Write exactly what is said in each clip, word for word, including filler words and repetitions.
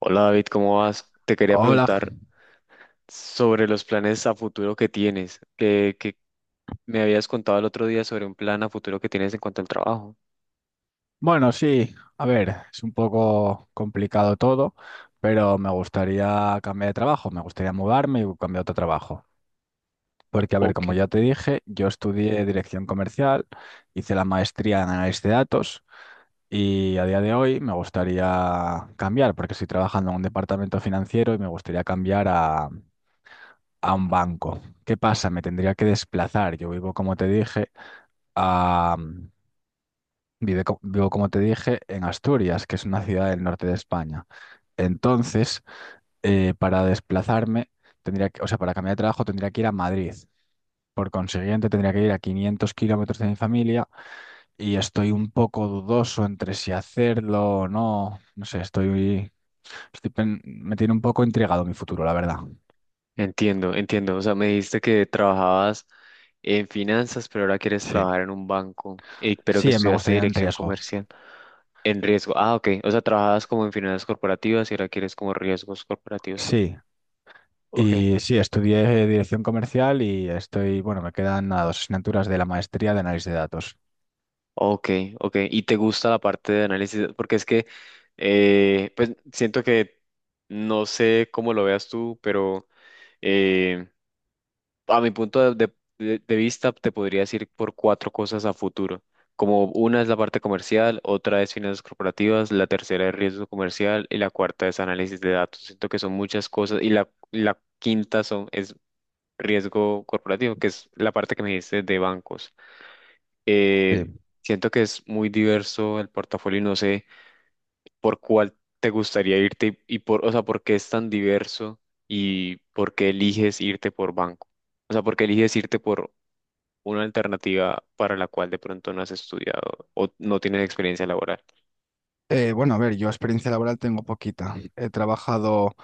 Hola David, ¿cómo vas? Te quería Hola. preguntar sobre los planes a futuro que tienes, que, que me habías contado el otro día sobre un plan a futuro que tienes en cuanto al trabajo. Bueno, sí, a ver, es un poco complicado todo, pero me gustaría cambiar de trabajo, me gustaría mudarme y cambiar a otro trabajo. Porque, a ver, Ok. como ya te dije, yo estudié dirección comercial, hice la maestría en análisis de datos y a día de hoy me gustaría cambiar, porque estoy trabajando en un departamento financiero y me gustaría cambiar a, a un banco. ¿Qué pasa? Me tendría que desplazar. Yo vivo, como te dije, a Vive co- vivo, como te dije, en Asturias, que es una ciudad del norte de España. Entonces, eh, para desplazarme, tendría que, o sea, para cambiar de trabajo tendría que ir a Madrid. Por consiguiente, tendría que ir a quinientos kilómetros de mi familia y estoy un poco dudoso entre si hacerlo o no. No sé, estoy, estoy pen- me tiene un poco intrigado mi futuro, la verdad. Entiendo, entiendo. O sea, me dijiste que trabajabas en finanzas, pero ahora quieres Sí, trabajar en un banco, Y pero que sí, me estudiaste gustaría en dirección riesgo. comercial en riesgo. Ah, ok. O sea, trabajabas como en finanzas corporativas y ahora quieres como riesgos corporativos. Sí, Ok. y sí, estudié dirección comercial y estoy, bueno, me quedan nada, dos asignaturas de la maestría de análisis de datos. Ok, ok. ¿Y te gusta la parte de análisis? Porque es que, eh, pues siento que, no sé cómo lo veas tú, pero eh, a mi punto de, de- de vista te podría decir por cuatro cosas a futuro. Como una es la parte comercial, otra es finanzas corporativas, la tercera es riesgo comercial y la cuarta es análisis de datos. Siento que son muchas cosas y la, la quinta son, es riesgo corporativo, que es la parte que me dijiste de bancos. Eh, Sí. Siento que es muy diverso el portafolio y no sé por cuál te gustaría irte y, y por, o sea, por qué es tan diverso y por qué eliges irte por banco. O sea, por qué eliges irte por una alternativa para la cual de pronto no has estudiado o no tienes experiencia laboral. Eh, bueno, a ver, yo experiencia laboral tengo poquita. He trabajado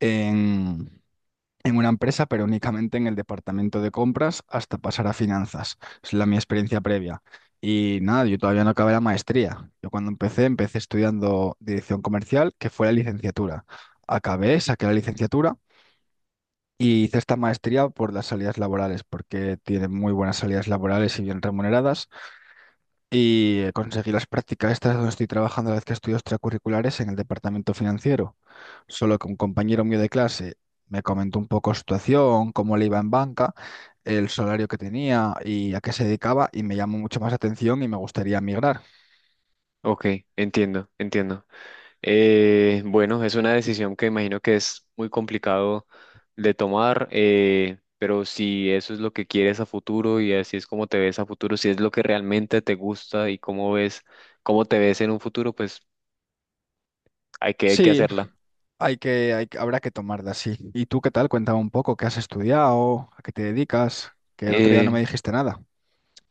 en, en una empresa, pero únicamente en el departamento de compras hasta pasar a finanzas. Es la mi experiencia previa. Y nada, yo todavía no acabé la maestría. Yo cuando empecé, empecé estudiando dirección comercial, que fue la licenciatura. Acabé, saqué la licenciatura y hice esta maestría por las salidas laborales, porque tiene muy buenas salidas laborales y bien remuneradas. Y eh, conseguí las prácticas estas donde estoy trabajando a la vez que estudio extracurriculares en el departamento financiero. Solo que un compañero mío de clase me comentó un poco su situación, cómo le iba en banca, el salario que tenía y a qué se dedicaba y me llamó mucho más la atención y me gustaría migrar. Ok, entiendo, entiendo. Eh, bueno, es una decisión que imagino que es muy complicado de tomar, eh, pero si eso es lo que quieres a futuro y así es como te ves a futuro, si es lo que realmente te gusta y cómo ves, cómo te ves en un futuro, pues hay que, hay que Sí, hacerla. hay que, hay, que- habrá que tomarla así. ¿Y tú qué tal? Cuéntame un poco, ¿qué has estudiado? ¿A qué te dedicas? Que el otro día Eh, no me dijiste nada.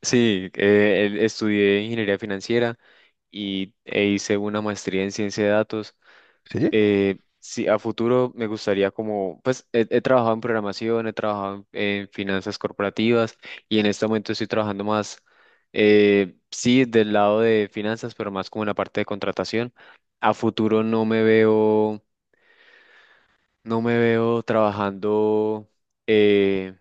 sí, eh, el- estudié ingeniería financiera y, e hice una maestría en ciencia de datos. ¿Sí? Eh, sí, a futuro me gustaría como, pues he, he trabajado en programación, he trabajado en, en finanzas corporativas y en este momento estoy trabajando más, eh, sí, del lado de finanzas, pero más como en la parte de contratación. A futuro no me veo, no me veo trabajando. eh,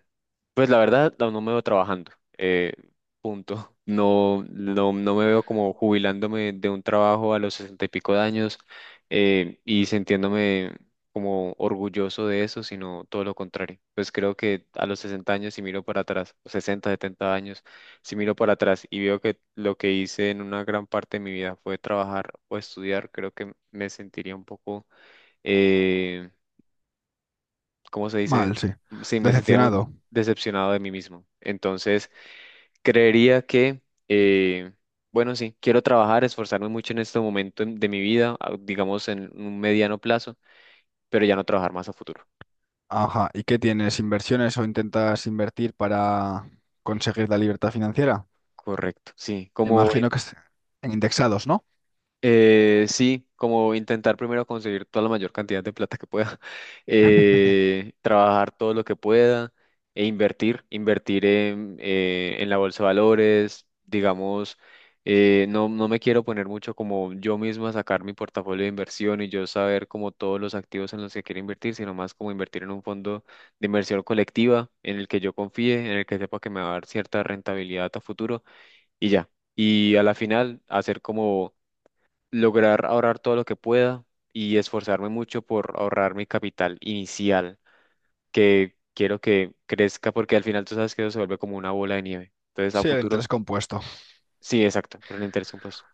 pues la verdad, no no me veo trabajando. eh, Punto. No, no, no me veo como jubilándome de un trabajo a los sesenta y pico de años eh, y sintiéndome como orgulloso de eso, sino todo lo contrario. Pues creo que a los sesenta años, si miro para atrás, o sesenta, setenta años, si miro para atrás y veo que lo que hice en una gran parte de mi vida fue trabajar o estudiar, creo que me sentiría un poco eh, ¿cómo se dice? Mal, sí. Sí, me sentiría muy Decepcionado. decepcionado de mí mismo. Entonces, creería que, eh, bueno, sí, quiero trabajar, esforzarme mucho en este momento en- de mi vida, a- digamos en un mediano plazo, pero ya no trabajar más a futuro. Ajá, ¿y qué tienes? ¿Inversiones o intentas invertir para conseguir la libertad financiera? Correcto, sí, como Imagino que es en indexados, ¿no? Eh, sí, como intentar primero conseguir toda la mayor cantidad de plata que pueda, eh, trabajar todo lo que pueda e invertir, invertir en, eh, en la bolsa de valores, digamos, eh, no, no me quiero poner mucho como yo mismo a sacar mi portafolio de inversión y yo saber como todos los activos en los que quiero invertir, sino más como invertir en un fondo de inversión colectiva en el que yo confíe, en el que sepa que me va a dar cierta rentabilidad a futuro y ya. Y a la final hacer como lograr ahorrar todo lo que pueda y esforzarme mucho por ahorrar mi capital inicial, que quiero que crezca porque al final tú sabes que eso se vuelve como una bola de nieve. Entonces a Sí, el futuro, interés compuesto. sí, exacto, pero el interés pues.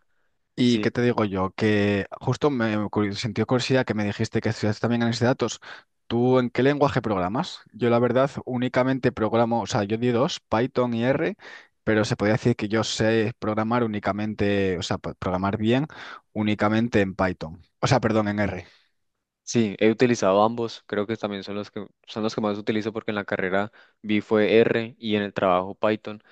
¿Y Sí, qué te digo yo? Que justo me ocurri- sentí curiosidad que me dijiste que estudias también análisis de datos. ¿Tú en qué lenguaje programas? Yo la verdad únicamente programo, o sea, yo di dos, Python y R, pero se podría decir que yo sé programar únicamente, o sea, pa- programar bien únicamente en Python. O sea, perdón, en R. sí, he utilizado ambos, creo que también son los que son los que más utilizo porque en la carrera vi fue R y en el trabajo Python.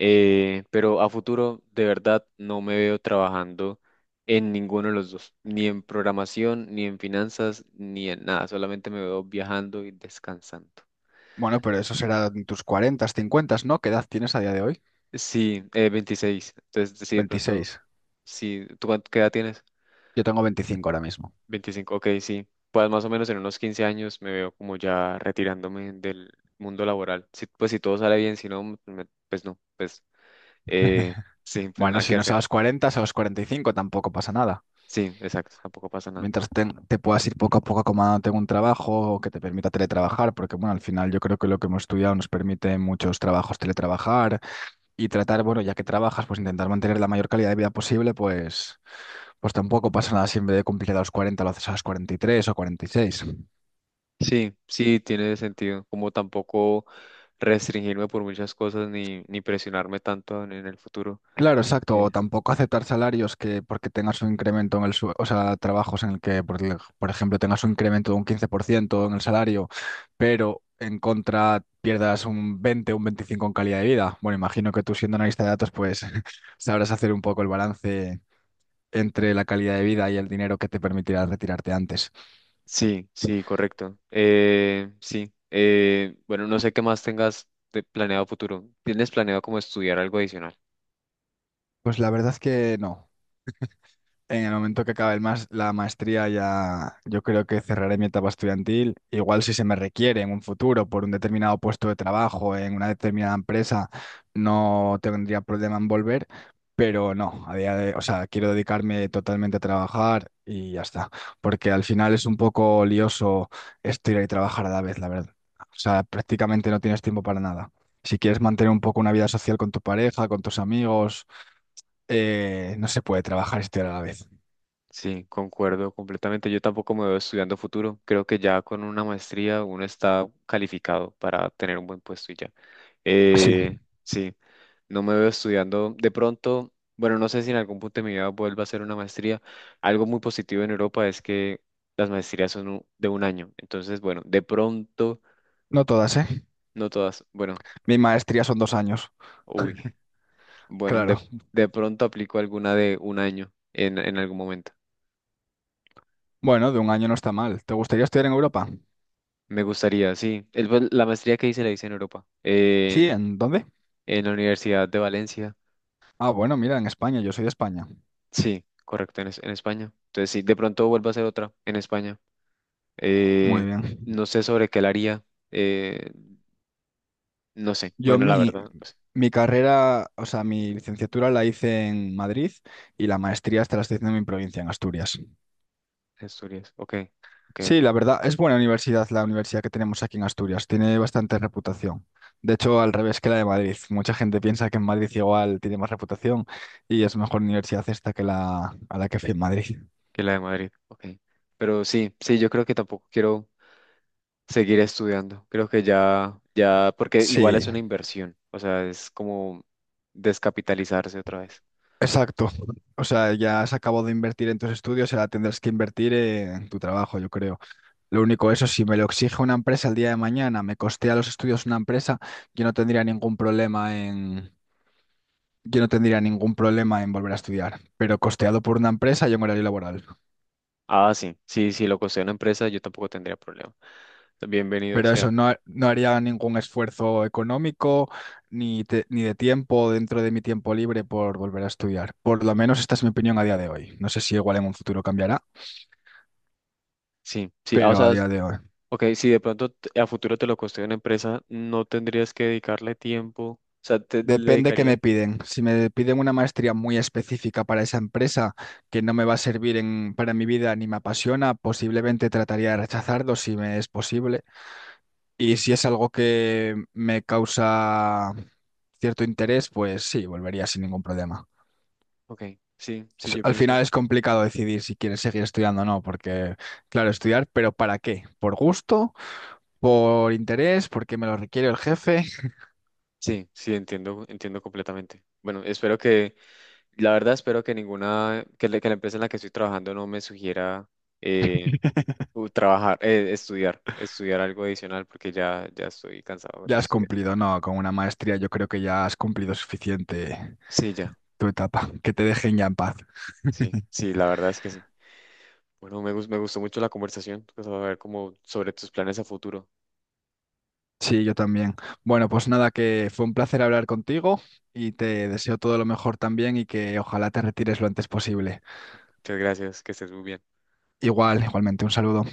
Eh, pero a futuro, de verdad, no me veo trabajando en ninguno de los dos, ni en programación, ni en finanzas, ni en nada. Solamente me veo viajando y descansando. Bueno, pero eso será en tus cuarenta, cincuenta, ¿no? ¿Qué edad tienes a día de hoy? Sí, eh, veintiséis. Entonces, sí, de pronto, Veintiséis. sí. ¿Tú cuánto, qué edad tienes? Yo tengo veinticinco ahora mismo. veinticinco Ok, sí. Pues más o menos en unos quince años me veo como ya retirándome del mundo laboral. Sí, pues si todo sale bien, si no, pues, me- pues no, pues eh, sí, pues Bueno, nada si que no es hacer. a los cuarenta es a los cuarenta y cinco, tampoco pasa nada. Sí, exacto, tampoco pasa nada. Mientras te, te puedas ir poco a poco acomodándote en un trabajo que te permita teletrabajar, porque bueno, al final yo creo que lo que hemos estudiado nos permite en muchos trabajos teletrabajar y tratar, bueno, ya que trabajas, pues intentar mantener la mayor calidad de vida posible, pues, pues tampoco pasa nada si en vez de cumplir a los cuarenta lo haces a los cuarenta y tres o cuarenta y seis. Sí, sí, tiene sentido. Como tampoco restringirme por muchas cosas ni, ni presionarme tanto en, en el futuro. Claro, exacto, o Eh, tampoco aceptar salarios que porque tengas un incremento en el sueldo, o sea, trabajos en el que, por, el- por ejemplo, tengas un incremento de un quince por ciento en el salario, pero en contra pierdas un veinte, o un veinticinco en calidad de vida. Bueno, imagino que tú siendo analista de datos, pues sabrás hacer un poco el balance entre la calidad de vida y el dinero que te permitirá retirarte antes. sí, sí, correcto. Eh, sí. Eh, bueno, no sé qué más tengas de planeado futuro. ¿Tienes planeado como estudiar algo adicional? Pues la verdad es que no. En el momento que acabe el mas- la maestría ya yo creo que cerraré mi etapa estudiantil. Igual si se me requiere en un futuro por un determinado puesto de trabajo en una determinada empresa, no tendría problema en volver, pero no, a día de, o sea, quiero dedicarme totalmente a trabajar y ya está, porque al final es un poco lioso estudiar y trabajar a la vez, la verdad. O sea, prácticamente no tienes tiempo para nada. Si quieres mantener un poco una vida social con tu pareja, con tus amigos, eh, no se puede trabajar y estudiar a la vez. Sí, concuerdo completamente. Yo tampoco me veo estudiando futuro. Creo que ya con una maestría uno está calificado para tener un buen puesto y ya. Sí, Eh, sí. No me veo estudiando de pronto, bueno, no sé si en algún punto de mi vida vuelva a hacer una maestría. Algo muy positivo en Europa es que las maestrías son u- de un año. Entonces, bueno, de pronto, no todas, ¿eh? no todas, bueno, Mi maestría son dos años, uy, bueno, de, claro. de pronto aplico alguna de un año en, en algún momento. Bueno, de un año no está mal. ¿Te gustaría estudiar en Europa? Me gustaría, sí. El- pues, la maestría que hice la hice en Europa, Sí, en, ¿en dónde? en la Universidad de Valencia. Ah, bueno, mira, en España, yo soy de España. Sí, correcto, en, es- en España. Entonces, sí, de pronto vuelvo a hacer otra en España. Muy Eh, bien. no sé sobre qué la haría. eh, No sé, Yo bueno, la mi, verdad, no sé. mi carrera, o sea, mi licenciatura la hice en Madrid y la maestría hasta la estoy haciendo en mi provincia, en Asturias. Asturias, ok, ok, ok. Sí, la verdad, es buena universidad la universidad que tenemos aquí en Asturias, tiene bastante reputación. De hecho, al revés que la de Madrid. Mucha gente piensa que en Madrid igual tiene más reputación y es mejor universidad esta que la a la que fui en Madrid. Que la de Madrid, ok. Pero sí, sí, yo creo que tampoco quiero seguir estudiando. Creo que ya, ya, porque igual es Sí, una inversión, o sea, es como descapitalizarse otra vez. exacto. O sea, ya has acabado de invertir en tus estudios, ahora tendrás que invertir en tu trabajo, yo creo. Lo único, eso, si me lo exige una empresa el día de mañana, me costea los estudios una empresa, yo no tendría ningún problema en Yo no tendría ningún problema en volver a estudiar, pero costeado por una empresa y en horario laboral. Ah, sí, sí, sí, lo costea una empresa, yo tampoco tendría problema. Bienvenido Pero sea. eso, no, ha- no haría ningún esfuerzo económico ni, te- ni de tiempo dentro de mi tiempo libre por volver a estudiar. Por lo menos esta es mi opinión a día de hoy. No sé si igual en un futuro cambiará, Sí, sí, ah, o pero a sea, día de hoy. ok, si de pronto t- a futuro te lo costea una empresa, no tendrías que dedicarle tiempo, o sea, te le Depende qué dedicarías, me piden. Si me piden una maestría muy específica para esa empresa que no me va a servir en, para mi vida ni me apasiona, posiblemente trataría de rechazarlo si me es posible. Y si es algo que me causa cierto interés, pues sí, volvería sin ningún problema. ok, sí, sí, S- yo Al pienso. final es complicado decidir si quieres seguir estudiando o no, porque, claro, estudiar, pero ¿para qué? ¿Por gusto? ¿Por interés? ¿Porque me lo requiere el jefe? Sí, sí, entiendo, entiendo completamente. Bueno, espero que, la verdad, espero que ninguna, que, la que la empresa en la que estoy trabajando no me sugiera eh, u- trabajar, eh, estudiar, estudiar algo adicional porque ya, ya estoy cansado de Ya has estudiar. cumplido, no, con una maestría yo creo que ya has cumplido suficiente Sí, ya, tu etapa, que te dejen ya en paz. sí, sí, la verdad es que sí. Bueno, me, gus- me gustó mucho la conversación, pues, a ver como sobre tus planes a futuro. Sí, yo también. Bueno, pues nada, que fue un placer hablar contigo y te deseo todo lo mejor también y que ojalá te retires lo antes posible. Muchas gracias, que estés muy bien. Igual, igualmente, un saludo.